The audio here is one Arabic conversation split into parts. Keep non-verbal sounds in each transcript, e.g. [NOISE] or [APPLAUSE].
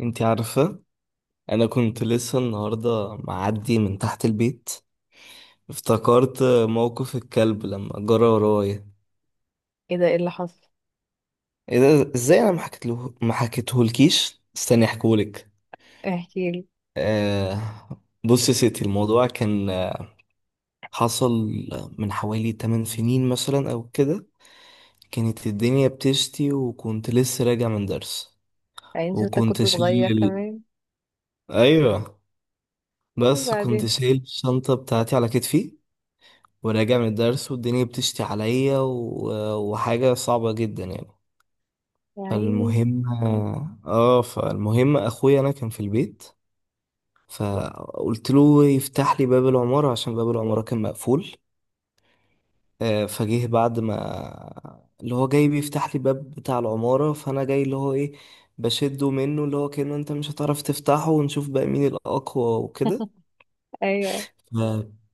انتي عارفة، انا كنت لسه النهاردة معدي من تحت البيت. افتكرت موقف الكلب لما جرى ورايا. ايه ده؟ ايه اللي حصل؟ ايه ده؟ ازاي انا ما حكيتله؟ ما حكيتهولكيش، استني احكولك. احكي لي. آه. بص يا ستي، الموضوع كان حصل من حوالي 8 سنين مثلا او كده. كانت الدنيا بتشتي وكنت لسه راجع من درس، عيني، شكلك وكنت كنت صغير شايل كمان. ايوه، بس كنت وبعدين؟ شايل الشنطة بتاعتي على كتفي، وراجع من الدرس والدنيا بتشتي عليا وحاجة صعبة جدا يعني. يا عيني. فالمهم، اه فالمهم اخويا انا كان في البيت، فقلت له يفتح لي باب العمارة عشان باب العمارة كان مقفول. فجه بعد ما اللي هو جاي بيفتح لي باب بتاع العمارة، فانا جاي اللي هو ايه، بشده منه اللي هو كأنه انت مش هتعرف تفتحه، ونشوف بقى مين الأقوى وكده. [LAUGHS] ايوه، إيه؟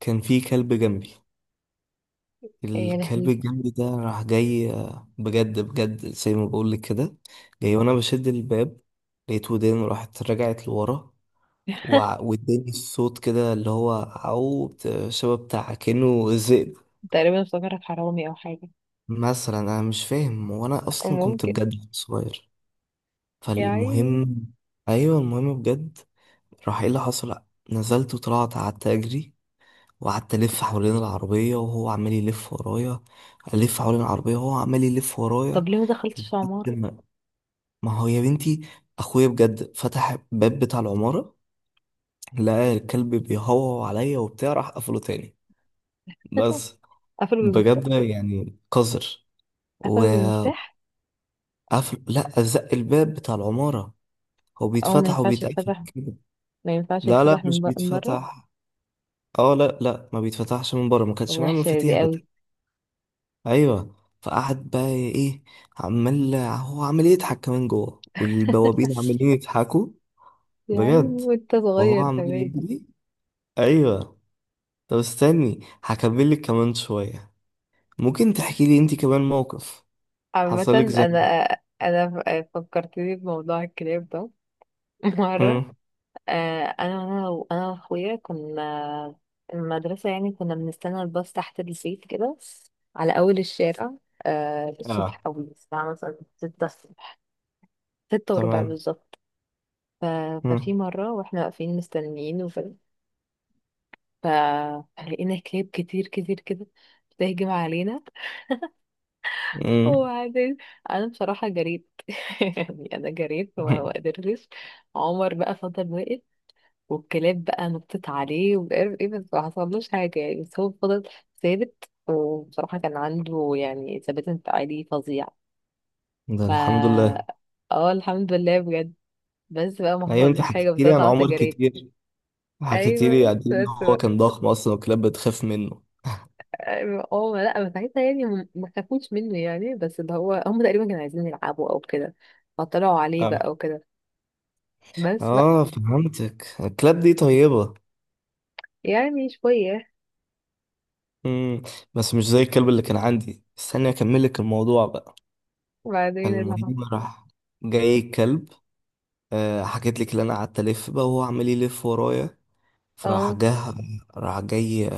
فكان في كلب جنبي، يعني يا الكلب لهوي. الجنبي ده راح جاي، بجد بجد زي ما بقول لك كده. جاي وانا بشد الباب، لقيت ودان راحت رجعت لورا. [LAUGHS] واداني الصوت كده اللي هو عو شبه بتاع كأنه ذئب تقريبا افتكرك حرامي او حاجه. مثلا، انا مش فاهم، وانا اصلا كنت ممكن. بجد صغير. يا عيني. فالمهم. ايوه، المهم بجد، راح ايه اللي حصل، نزلت وطلعت قعدت اجري، وقعدت الف حوالين العربيه وهو عمال يلف ورايا، الف حوالين العربيه وهو عمال يلف ورايا طب ليه ما دخلتش لحد عماره؟ ما، ما هو يا بنتي اخويا بجد فتح الباب بتاع العمارة، لقى الكلب بيهوهو عليا وبتاع، راح قفله تاني. بس. قفلوا بجد بالمفتاح؟ يعني قذر، قفلوا وقفل. بالمفتاح؟ لا، زق الباب بتاع العمارة، هو او ما بيتفتح ينفعش وبيتقفل يتفتح، كده. ما ينفعش لا لا يتفتح من مش من بره. بيتفتح. اه لا لا، ما بيتفتحش من بره، ما كانش معايا وحشه دي مفاتيح قوي. بتاع. ايوه. فقعد بقى ايه، عمال هو عمال يضحك كمان جوه، والبوابين [LAUGHS] عمالين يضحكوا. يا بجد. عيني وانت وهو صغير عمال كمان. يجري. ايوه. طب استني هكمل لك كمان شويه. ممكن تحكي لي انت كمان موقف عامه، حصلك زي؟ انا، انا فكرتني بموضوع الكلاب ده. [LAUGHS] مره، امم انا واخويا كنا المدرسه، يعني كنا بنستنى الباص تحت البيت كده، على اول الشارع. اه، الصبح قوي، الساعه مثلا 6 الصبح، 6 وربع تمام. بالظبط. ف... ففي امم مره واحنا واقفين مستنيين، ف... فلقينا كلاب كتير كتير كده بتهجم علينا. امم وبعدين انا بصراحه جريت. [LAUGHS] يعني انا جريت وما ما [LAUGHS] قدرتش. عمر بقى فضل واقف، والكلاب بقى نطت عليه ومش عارف ايه، بس ما حصلوش حاجة يعني، بس هو فضل ثابت، وبصراحة كان عنده يعني ثبات انفعالي فظيع. ده ف الحمد لله. اه الحمد لله بجد. بس بقى ما ايوه انت حصلوش حاجة، بس حكيتي لي انا عن طلعت عمر جريت. كتير، حكيتي لي ايوه قد ايه ان بس هو بقى. كان ضخم اصلا والكلاب بتخاف منه. أيوة. اه لا، ما ساعتها يعني ما خافوش منه يعني، بس اللي هو هم تقريبا كانوا عايزين يلعبوا او كده، فطلعوا عليه اه بقى وكده. بس بقى. اه، فهمتك الكلاب دي طيبه. يعني شوية. امم بس مش زي الكلب اللي كان عندي، استني اكمل لك الموضوع بقى. وبعدين اللي هو. المهم راح جاي الكلب، حكيت لك اللي انا قعدت الف بقى وهو عمال يلف ورايا. فراح اه، جه، راح جاي،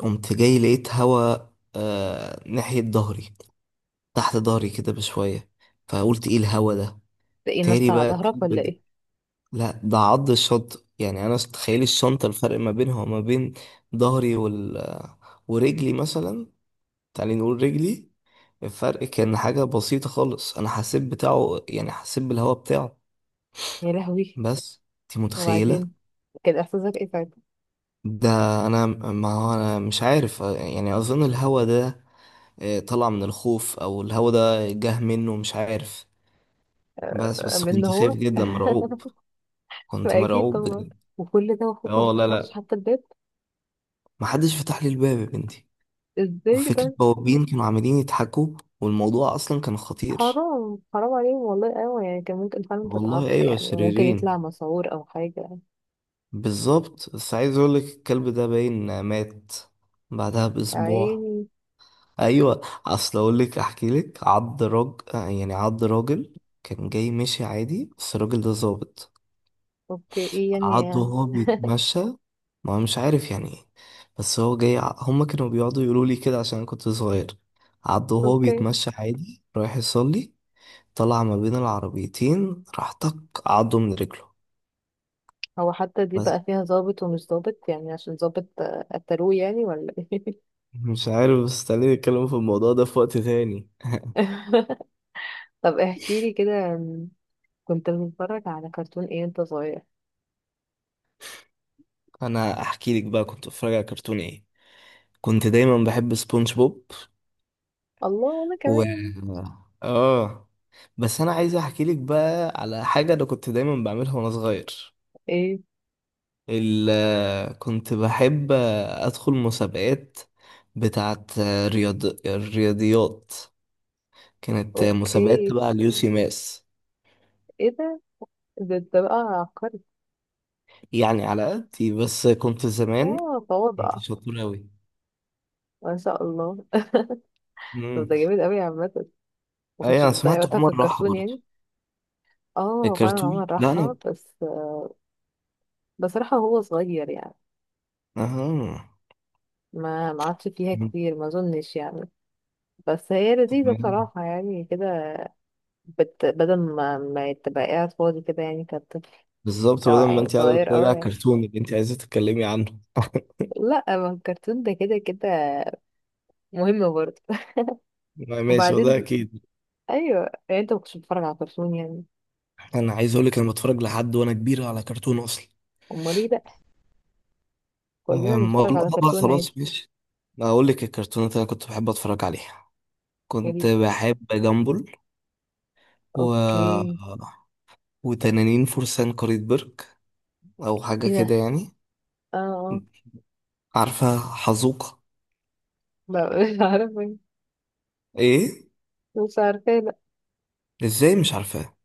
قمت جاي لقيت هوا، آه ناحية ظهري، تحت ظهري كده بشوية. فقلت ايه الهوا ده، ده ايه؟ نط تاني على بقى ظهرك الكلب ولا ايه؟ لا، ده عض الشنطة. يعني انا تخيل الشنطة الفرق ما بينها وما بين ظهري وال ورجلي مثلا، تعالي نقول رجلي. الفرق كان حاجة بسيطة خالص، انا حسيت بتاعه يعني حسيت بالهوا بتاعه. يا لهوي. بس انت متخيلة. وبعدين، كان احساسك ايه ساعتها؟ ده انا ما هو انا مش عارف يعني، اظن الهوا ده طلع من الخوف، او الهوا ده جه منه مش عارف. بس بس من كنت خايف هو. جدا [LAUGHS] مرعوب. كنت اكيد مرعوب طبعا. بجد. وكل ده المفروض ما اه لا فتحلكش لا، حتى الباب؟ محدش فتح لي الباب يا بنتي. ازاي ده؟ وفكرة بوابين كانوا عمالين يضحكوا، والموضوع اصلا كان خطير. حرام حرام عليهم، والله. ايوه يعني كان ممكن فعلا تتعب، والله ايوه يعني ممكن يطلع شريرين مسعور او حاجه. بالظبط. بس عايز اقولك الكلب ده باين مات بعدها باسبوع. عيني. ايوه. اصل اقول لك، احكي لك عض راجل، يعني عض راجل كان جاي ماشي عادي، بس الراجل ده ظابط. اوكي، ايه يعني؟ عضه وهو بيتمشى. ما مش عارف يعني ايه، بس هو جاي هما كانوا بيقعدوا يقولوا لي كده عشان أنا كنت صغير، عضه وهو اوكي. بيتمشى عادي رايح يصلي، طلع ما بين العربيتين راح طق عضه من رجله. هو حتى دي بس. بقى فيها ظابط ومش ظابط، يعني عشان ظابط قتلوه يعني، ولا ايه؟ مش عارف، بس خليني اتكلم في الموضوع ده في وقت تاني. [LAUGHS] طب احكي لي كده، م، كنت بتتفرج على كرتون ايه وانت صغير؟ [LAUGHS] انا احكي لك بقى كنت بتفرج على كرتون ايه. كنت دايما بحب سبونج بوب. الله، وانا و كمان. اه بس انا عايز احكي لك بقى على حاجه انا كنت دايما بعملها وانا صغير. ايه؟ كنت بحب أدخل مسابقات بتاعت الرياضيات، كانت مسابقات اوكي. تبع اليوسي ماس. ايه ده؟ ده انت بقى عبقري. يعني على قدي، بس كنت زمان اه، تواضع. كنت شاطر أوي. ما شاء الله. [LAUGHS] طب امم ده جميل قوي عامة، ما أي كنتش أنا بتضيع سمعت وقتها في عمر راحة الكرتون برضه. يعني. اه، فعلا الكرتون، عمر لا أنا. راحة، بس بصراحة هو صغير يعني، أها. ما عادش فيها مم. كتير ما اظنش يعني. بس هي لذيذة تمام. بصراحة يعني كده. بدل ما تبقى قاعد فاضي كده يعني كطفل، بالظبط او بدل ما يعني أنت قاعدة صغير، او تتفرجي على يعني. الكرتون اللي أنت عايزة تتكلمي عنه [LAUGHS] لا، ما الكرتون ده كده كده مهم برضه. [LAUGHS] ماشي، وده وبعدين، أكيد. ايوه يعني انت ما كنتش بتتفرج على كرتون يعني؟ أنا عايز أقولك أنا بتفرج لحد وأنا كبير على كرتون أصلا. امال ايه بقى؟ كلنا بنتفرج والله على بقى كرتون عادي. خلاص ماشي، ما اقول لك الكرتونات اللي انا كنت بحب اتفرج عليها. كنت قال. بحب جامبل، و اوكي. وتنانين فرسان قرية برك، او حاجه ايه ده؟ كده يعني. اه اه. عارفه حزوقه؟ مش عارفه. ايه؟ مش عارفه، لا. ازاي مش عارفاه؟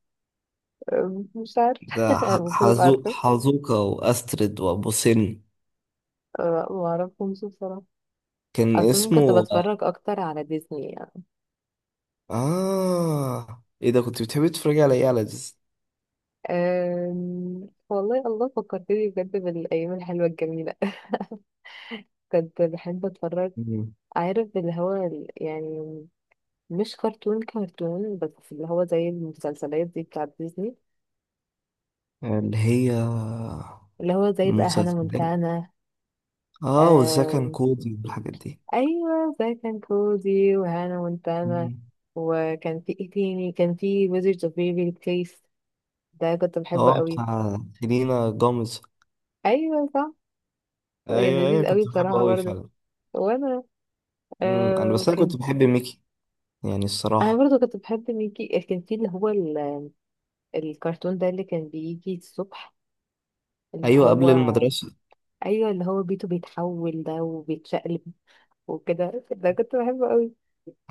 مش عارفه. ده [LAUGHS] المفروض ابقى حزو عارفه. حزوقه واسترد وابو سن، ما اعرفهمش بصراحه. كان اصلا كنت اسمه. بتفرج اكتر على ديزني يعني. اه، ايه ده كنت بتحبي تتفرجي على ايه، على ديز. والله، الله فكرتني بجد بالايام الحلوه الجميله. [LAUGHS] كنت بحب اتفرج، مم. عارف اللي هو يعني مش كرتون كرتون بس، اللي هو زي المسلسلات دي بتاعت ديزني. اللي هي اللي هو زي بقى هانا المسلسلات، مونتانا. اه والزكن كودي والحاجات دي. ايوه، زي كان كوزي وهانا مونتانا. مم. وكان في ايه تاني؟ كان في ويزرد اوف بيبي كيس، ده كنت اه بحبه قوي. بتاع سيلينا جوميز. ايوه صح. كان ايوه ايوه لذيذ قوي كنت بحبه بصراحه قوي برضه. فعلا. وانا، مم. انا آه بس انا كنت كان. بحب ميكي يعني انا الصراحه. برضه كنت بحب ميكي. كان في اللي هو الكرتون ده اللي كان بيجي الصبح، اللي ايوه هو، قبل المدرسه. ايوه، اللي هو بيته بيتحول ده وبيتشقلب وكده، ده كنت بحبه قوي.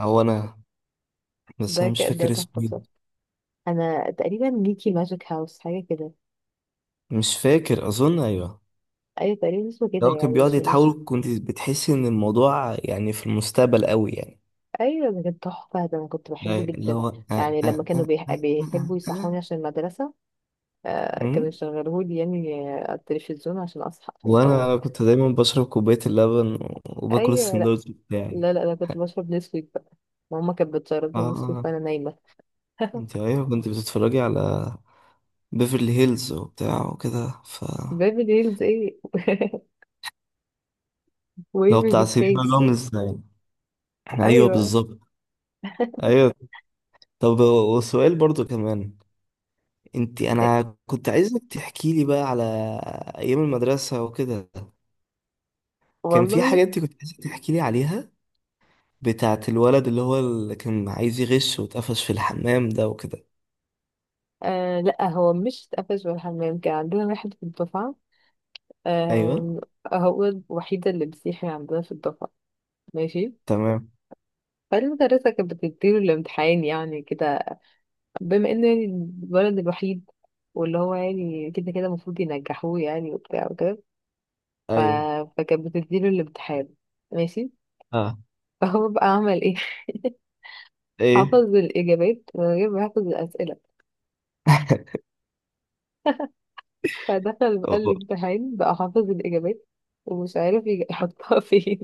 او انا، بس انا مش ده فاكر تحفه اسمه بصراحه. إيه. انا تقريبا ميكي ماجيك هاوس حاجه كده. مش فاكر، اظن ايوه. ايوه تقريبا اسمه كده، لو يعني كان بيقعد مش مش. يتحول كنت بتحس ان الموضوع يعني في المستقبل قوي يعني. ايوه ده كان تحفه، ده انا كنت أي- بحبه اللي جدا. هو يعني لما كانوا آه آه بيحبوا آه يصحوني آه. عشان المدرسه، آه كانوا مم. يشغلوهولي يعني، على التلفزيون عشان اصحى، عشان وانا افوق. انا كنت دايما بشرب كوبايه اللبن وباكل ايوه. لا، السندوتش بتاعي. لا لا، انا كنت بشرب نسكويك بقى، ماما كانت بتشرب اه لي نسكويك آه. وانا نايمه. [LAUGHS] انت ايوه كنت بتتفرجي على بيفرلي هيلز وبتاع وكده، ف بيبي هيلز ايه؟ [LAUGHS] لو ويفرلي بتاع سيلينا بليس. جوميز يعني. ايوه ايوه. بالظبط. [LAUGHS] ايوه. طب، وسؤال برضو كمان، انت انا كنت عايزك تحكي لي بقى على ايام المدرسه وكده. كان في والله. حاجه انت كنت عايزك تحكي لي عليها، بتاعت الولد اللي هو اللي كان عايز يغش واتقفش في الحمام ده وكده. آه، لا هو مش اتقفش ولا حمام، كان عندنا واحد في الدفعة. ايوه. آه، هو الوحيدة اللي بيصيح عندنا في الدفعة. ماشي. تمام. فالمدرسة كانت بتديله الامتحان، يعني كده، بما انه يعني الولد الوحيد، واللي هو يعني كده كده المفروض ينجحوه يعني، وبتاع وكده. ف... ايوه. فكانت بتديله الامتحان، ماشي. اه. [LAUGHS] فهو بقى عمل ايه؟ [LAUGHS] ايه؟ حفظ الإجابات من غير ما يحفظ الأسئلة. [LAUGHS] فدخل بقى الامتحان بقى حافظ الإجابات، ومش عارف يحطها فين.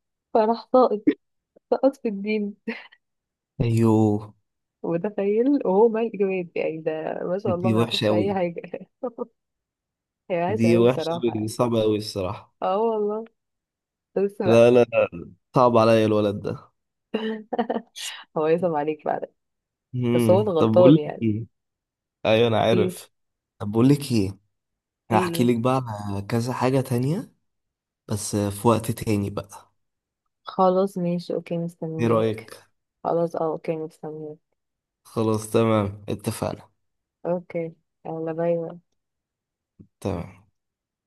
[LAUGHS] فراح ساقط، سقط في الدين. ايوه. متخيل، وهو ما الإجابات يعني ده، ما شاء دي الله ما وحشه يعرفش قوي. أي حاجة. [LAUGHS] هي دي وحشة أوي وحشه قوي، دي بصراحة. صعبه قوي الصراحه. اه والله. بس بقى. لا لا لا، صعب عليا الولد ده. [LAUGHS] هو يسمع عليك بعد. بس هو مم. طب بقول الغلطان لك يعني. ايه. ايوه انا ايه عارف. طب بقول لك ايه، ايه هحكي إيه؟ لك بقى على كذا حاجة تانية بس في وقت تاني بقى، خلاص ماشي اوكي ايه مستنياه. رأيك؟ خلاص، اه اوكي مستنياه. خلاص تمام اتفقنا. اوكي. يلا باي باي. تمام.